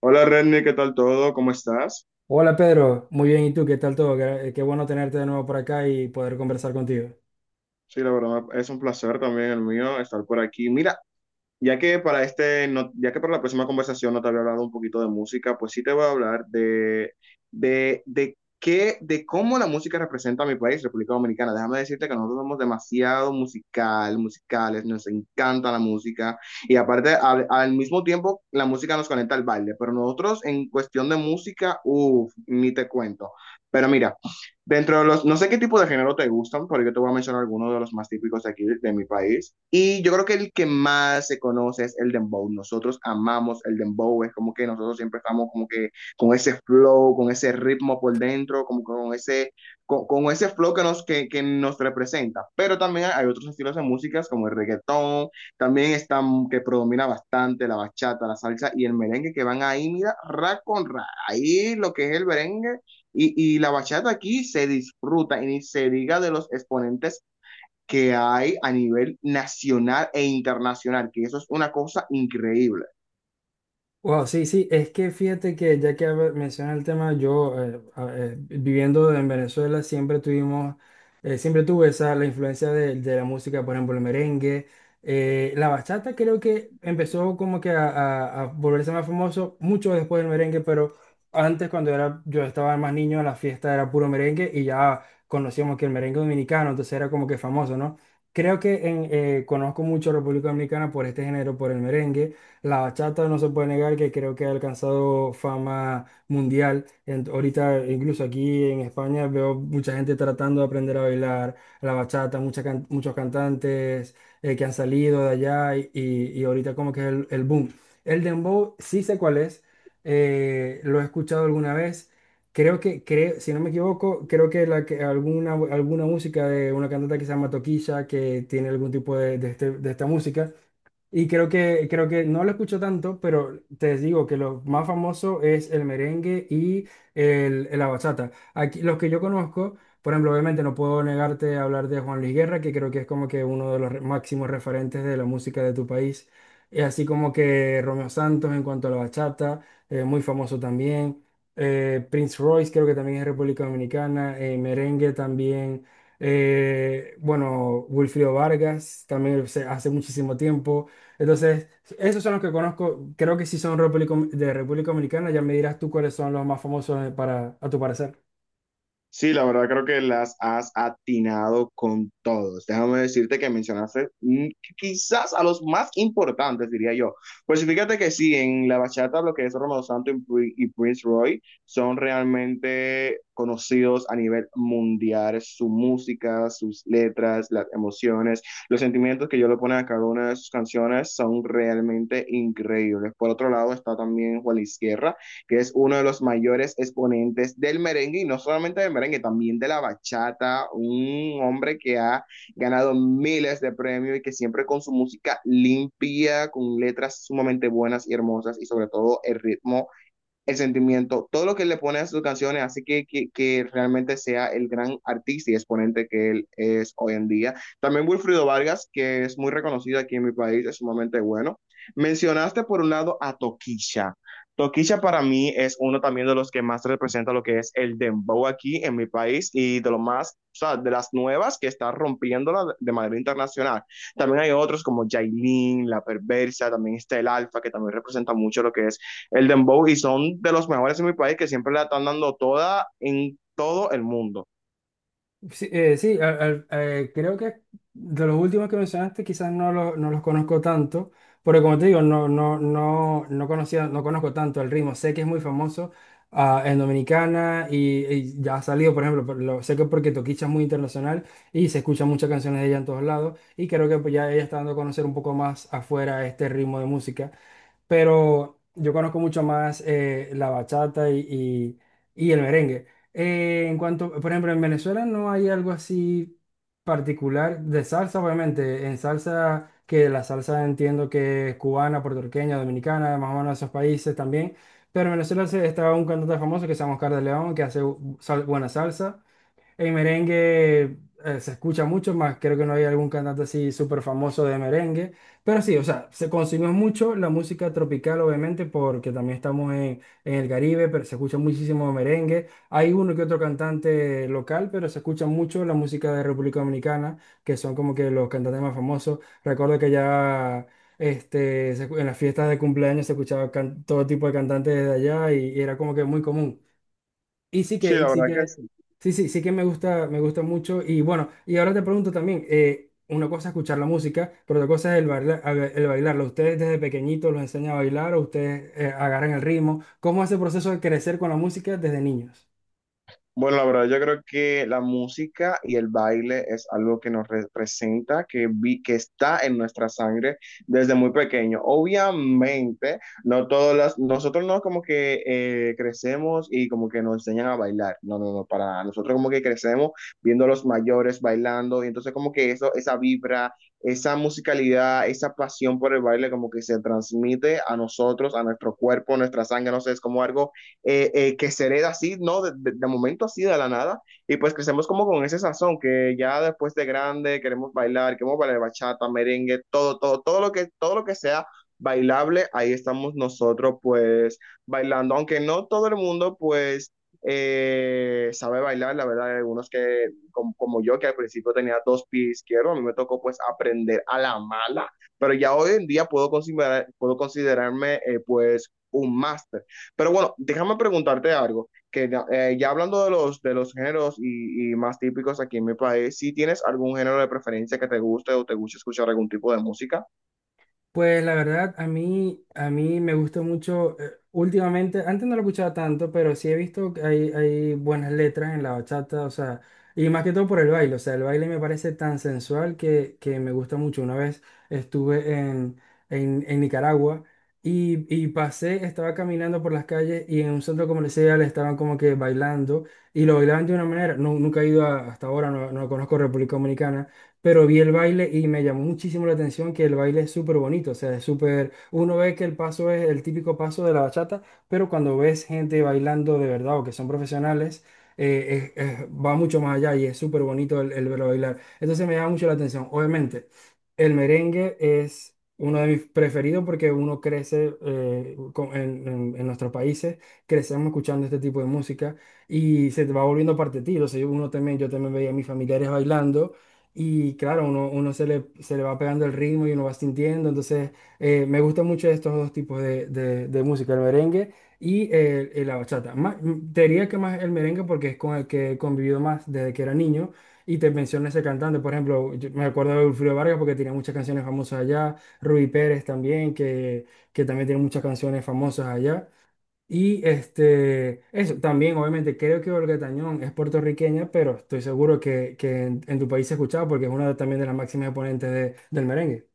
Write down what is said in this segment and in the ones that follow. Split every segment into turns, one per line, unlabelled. Hola Renny, ¿qué tal todo? ¿Cómo estás?
Hola Pedro, muy bien, ¿y tú? ¿Qué tal todo? Qué bueno tenerte de nuevo por acá y poder conversar contigo.
Sí, la verdad es un placer también el mío estar por aquí. Mira, ya que para la próxima conversación no te había hablado un poquito de música, pues sí te voy a hablar de de cómo la música representa a mi país, República Dominicana. Déjame decirte que nosotros somos demasiado musicales, nos encanta la música y aparte al mismo tiempo la música nos conecta al baile, pero nosotros en cuestión de música, uff, ni te cuento. Pero mira. Dentro de los, no sé qué tipo de género te gustan, pero yo te voy a mencionar algunos de los más típicos de aquí, de mi país. Y yo creo que el que más se conoce es el dembow. Nosotros amamos el dembow, es como que nosotros siempre estamos como que con ese flow, con ese ritmo por dentro, como que con ese flow que nos representa. Pero también hay otros estilos de músicas como el reggaetón, también están que predomina bastante la bachata, la salsa y el merengue que van ahí, mira, ra con ra. Ahí lo que es el merengue y la bachata aquí se disfruta y ni se diga de los exponentes que hay a nivel nacional e internacional, que eso es una cosa increíble.
Wow, sí, sí, es que fíjate que ya menciona el tema, yo viviendo en Venezuela siempre tuve esa, la influencia de la música, por ejemplo, el merengue. La bachata creo que empezó como que a volverse más famoso mucho después del merengue, pero antes cuando era, yo estaba más niño, en la fiesta era puro merengue y ya conocíamos que el merengue dominicano, entonces era como que famoso, ¿no? Creo que conozco mucho a República Dominicana por este género, por el merengue. La bachata no se puede negar que creo que ha alcanzado fama mundial. Ahorita, incluso aquí en España, veo mucha gente tratando de aprender a bailar la bachata, muchos cantantes que han salido de allá y ahorita como que es el boom. El dembow, sí sé cuál es, lo he escuchado alguna vez. Creo que, si no me equivoco, creo que alguna música de una cantante que se llama Toquilla, que tiene algún tipo de esta música. Y creo que no lo escucho tanto, pero te digo que lo más famoso es el merengue y la bachata. Aquí, los que yo conozco, por ejemplo, obviamente no puedo negarte a hablar de Juan Luis Guerra, que creo que es como que uno de los máximos referentes de la música de tu país. Así como que Romeo Santos en cuanto a la bachata, muy famoso también. Prince Royce creo que también es República Dominicana, merengue también. Bueno, Wilfrido Vargas también hace muchísimo tiempo. Entonces, esos son los que conozco. Creo que sí son de República Dominicana. Ya me dirás tú cuáles son los más famosos para, a tu parecer.
Sí, la verdad creo que las has atinado con todos. Déjame decirte que mencionaste quizás a los más importantes, diría yo. Pues sí, fíjate que sí, en la bachata lo que es Romeo Santos y Prince Roy son realmente conocidos a nivel mundial. Su música, sus letras, las emociones, los sentimientos que yo le ponen a cada una de sus canciones son realmente increíbles. Por otro lado está también Juan Luis Guerra, que es uno de los mayores exponentes del merengue y no solamente del merengue, también de la bachata, un hombre que ha ganado miles de premios y que siempre con su música limpia, con letras sumamente buenas y hermosas y sobre todo el ritmo, el sentimiento, todo lo que le pone a sus canciones, así que realmente sea el gran artista y exponente que él es hoy en día. También Wilfrido Vargas, que es muy reconocido aquí en mi país, es sumamente bueno. Mencionaste por un lado a Toquilla. Toquilla para mí es uno también de los que más representa lo que es el dembow aquí en mi país y de lo más, o sea, de las nuevas que está rompiéndola de manera internacional. También hay otros como Jailin, La Perversa, también está el Alfa, que también representa mucho lo que es el dembow y son de los mejores en mi país que siempre la están dando toda en todo el mundo.
Sí, sí, creo que de los últimos que mencionaste quizás no, no los conozco tanto, porque como te digo, no conocía, no conozco tanto el ritmo. Sé que es muy famoso en Dominicana y ya ha salido, por ejemplo, sé que porque Toquicha es muy internacional y se escuchan muchas canciones de ella en todos lados y creo que pues, ya ella está dando a conocer un poco más afuera este ritmo de música, pero yo conozco mucho más la bachata y el merengue. En cuanto, por ejemplo, en Venezuela no hay algo así particular de salsa, obviamente. En salsa, que la salsa entiendo que es cubana, puertorriqueña, dominicana, más o menos esos países también. Pero en Venezuela está un cantante famoso que se llama Oscar de León, que hace buena salsa. En merengue se escucha mucho más, creo que no hay algún cantante así súper famoso de merengue, pero sí, o sea, se consumió mucho la música tropical, obviamente, porque también estamos en el Caribe, pero se escucha muchísimo merengue. Hay uno que otro cantante local, pero se escucha mucho la música de República Dominicana, que son como que los cantantes más famosos. Recuerdo que ya este, en las fiestas de cumpleaños se escuchaba todo tipo de cantantes de allá y era como que muy común. Y sí
Sí,
que, y
la
sí
verdad que
que,
sí.
sí, sí, sí que me gusta mucho. Y bueno, y ahora te pregunto también, una cosa es escuchar la música, pero otra cosa es el bailar, el bailarlo. ¿Ustedes desde pequeñitos los enseñan a bailar o ustedes agarran el ritmo? ¿Cómo es el proceso de crecer con la música desde niños?
Bueno, la verdad, yo creo que la música y el baile es algo que nos representa, que está en nuestra sangre desde muy pequeño. Obviamente, no todas las, nosotros no como que crecemos y como que nos enseñan a bailar. No, no, no, para nada. Nosotros como que crecemos viendo a los mayores bailando y entonces como que eso, esa vibra, esa musicalidad, esa pasión por el baile como que se transmite a nosotros, a nuestro cuerpo, a nuestra sangre, no sé, es como algo que se hereda así, ¿no? De momento así, de la nada, y pues crecemos como con ese sazón, que ya después de grande queremos bailar bachata, merengue, todo lo todo lo que sea bailable, ahí estamos nosotros pues bailando, aunque no todo el mundo pues sabe bailar, la verdad, hay algunos que como, yo que al principio tenía dos pies izquierdos, a mí me tocó pues aprender a la mala, pero ya hoy en día considerar, puedo considerarme pues un máster. Pero bueno, déjame preguntarte algo, que ya hablando de los géneros y más típicos aquí en mi país, ¿si tienes algún género de preferencia que te guste o te guste escuchar algún tipo de música?
Pues la verdad, a mí me gusta mucho, últimamente, antes no lo escuchaba tanto, pero sí he visto que hay buenas letras en la bachata, o sea, y más que todo por el baile, o sea, el baile me parece tan sensual que me gusta mucho. Una vez estuve en Nicaragua y pasé, estaba caminando por las calles y en un centro comercial estaban como que bailando y lo bailaban de una manera, no, nunca he ido a- hasta ahora, no, no conozco República Dominicana, pero vi el baile y me llamó muchísimo la atención que el baile es súper bonito, o sea, es súper, uno ve que el paso es el típico paso de la bachata, pero cuando ves gente bailando de verdad o que son profesionales, va mucho más allá y es súper bonito el verlo bailar. Entonces me llama mucho la atención. Obviamente, el merengue es uno de mis preferidos porque uno crece en nuestros países, crecemos escuchando este tipo de música y se te va volviendo parte de ti. O sea, uno también, yo también veía a mis familiares bailando. Y claro, uno, uno se le va pegando el ritmo y uno va sintiendo. Entonces, me gustan mucho estos dos tipos de música, el merengue y la bachata. Más, mm, te diría que más el merengue porque es con el que he convivido más desde que era niño. Y te menciono ese cantante, por ejemplo, yo me acuerdo de Wilfrido Vargas porque tenía muchas canciones famosas allá. Rubí Pérez también, que también tiene muchas canciones famosas allá. Y este, eso también, obviamente, creo que Olga Tañón es puertorriqueña, pero estoy seguro que en tu país se escuchaba porque es también de las máximas exponentes del merengue.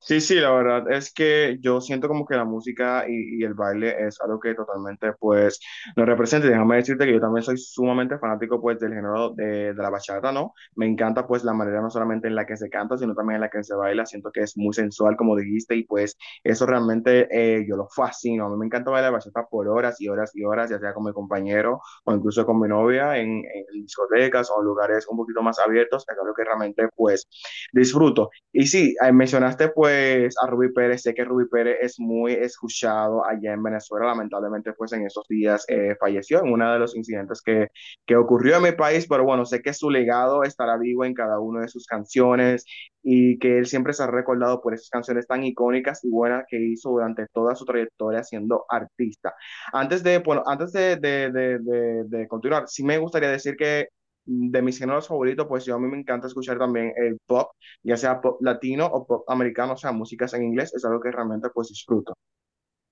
Sí, sí, la verdad es que yo siento como que la música y el baile es algo que totalmente pues nos representa. Y déjame decirte que yo también soy sumamente fanático pues del género de la bachata, ¿no? Me encanta pues la manera no solamente en la que se canta, sino también en la que se baila. Siento que es muy sensual, como dijiste, y pues eso realmente yo lo fascino. A mí me encanta bailar bachata por horas y horas y horas, ya sea con mi compañero o incluso con mi novia en discotecas o en lugares un poquito más abiertos. Es algo que realmente pues disfruto. Y sí, mencionaste pues a Rubí Pérez, sé que Rubí Pérez es muy escuchado allá en Venezuela, lamentablemente pues en esos días falleció en uno de los incidentes que ocurrió en mi país, pero bueno, sé que su legado estará vivo en cada una de sus canciones y que él siempre se ha recordado por esas canciones tan icónicas y buenas que hizo durante toda su trayectoria siendo artista. Antes de, bueno, antes de continuar, sí me gustaría decir que de mis géneros favoritos, pues yo a mí me encanta escuchar también el pop, ya sea pop latino o pop americano, o sea, músicas en inglés, es algo que realmente pues disfruto.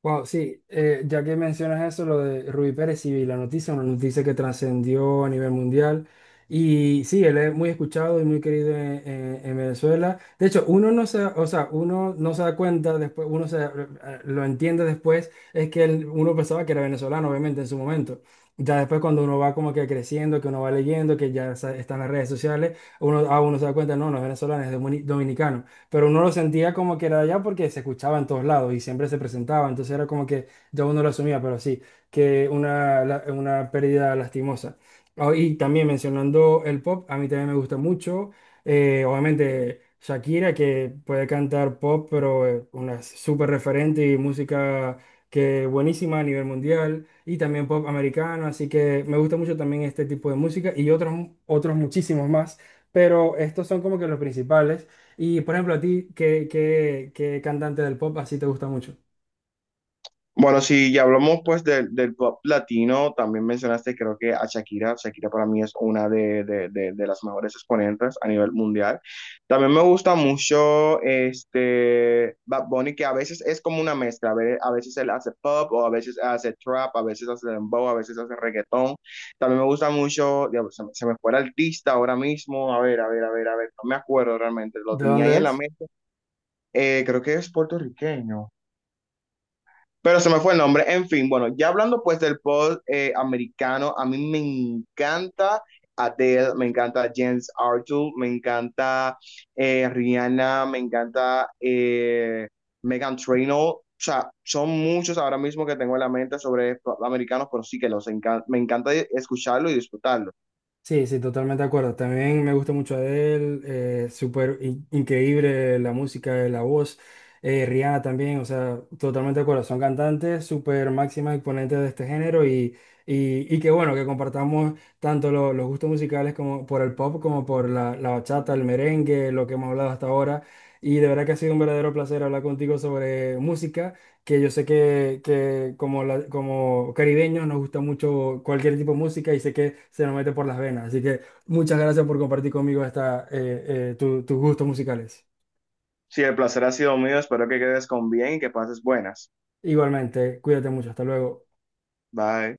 Wow, sí, ya que mencionas eso, lo de Rubí Pérez y la noticia, una noticia que trascendió a nivel mundial. Y sí, él es muy escuchado y muy querido en Venezuela. De hecho, uno no se, o sea, uno no se da cuenta después, lo entiende después, es que uno pensaba que era venezolano, obviamente, en su momento. Ya después cuando uno va como que creciendo, que uno va leyendo, que están las redes sociales, uno, a uno se da cuenta, no, no es venezolano, es dominicano, pero uno lo sentía como que era de allá porque se escuchaba en todos lados y siempre se presentaba, entonces era como que ya uno lo asumía, pero sí, que una, una pérdida lastimosa. Ah, y también mencionando el pop, a mí también me gusta mucho, obviamente Shakira, que puede cantar pop, pero una súper referente y música que buenísima a nivel mundial y también pop americano, así que me gusta mucho también este tipo de música y otros, otros muchísimos más, pero estos son como que los principales. Y por ejemplo, a ti, ¿qué cantante del pop así te gusta mucho?
Bueno, si ya hablamos pues del pop latino, también mencionaste creo que a Shakira, Shakira para mí es una de las mejores exponentes a nivel mundial. También me gusta mucho este Bad Bunny, que a veces es como una mezcla, a veces él hace pop o a veces hace trap, a veces hace dembow, a veces hace reggaetón. También me gusta mucho, diablo, se me fue el artista ahora mismo, a ver, a ver, a ver, a ver, no me acuerdo realmente, lo
¿De
tenía ahí
dónde
en la
es?
mente. Creo que es puertorriqueño. Pero se me fue el nombre. En fin, bueno, ya hablando pues del pop americano, a mí me encanta Adele, me encanta James Arthur, me encanta Rihanna, me encanta Megan Trainor. O sea, son muchos ahora mismo que tengo en la mente sobre pop americanos, pero sí que me encanta escucharlo y disfrutarlo.
Sí, sí, totalmente de acuerdo. También me gusta mucho Adele, increíble la música, la voz. Rihanna también, o sea, totalmente de acuerdo. Son cantantes súper máximas exponentes de este género y que bueno, que compartamos tanto los gustos musicales como por el pop, como por la bachata, el merengue, lo que hemos hablado hasta ahora. Y de verdad que ha sido un verdadero placer hablar contigo sobre música, que yo sé que como, como caribeños nos gusta mucho cualquier tipo de música y sé que se nos mete por las venas. Así que muchas gracias por compartir conmigo esta, tus gustos musicales.
Si el placer ha sido mío, espero que quedes con bien y que pases buenas.
Igualmente, cuídate mucho, hasta luego.
Bye.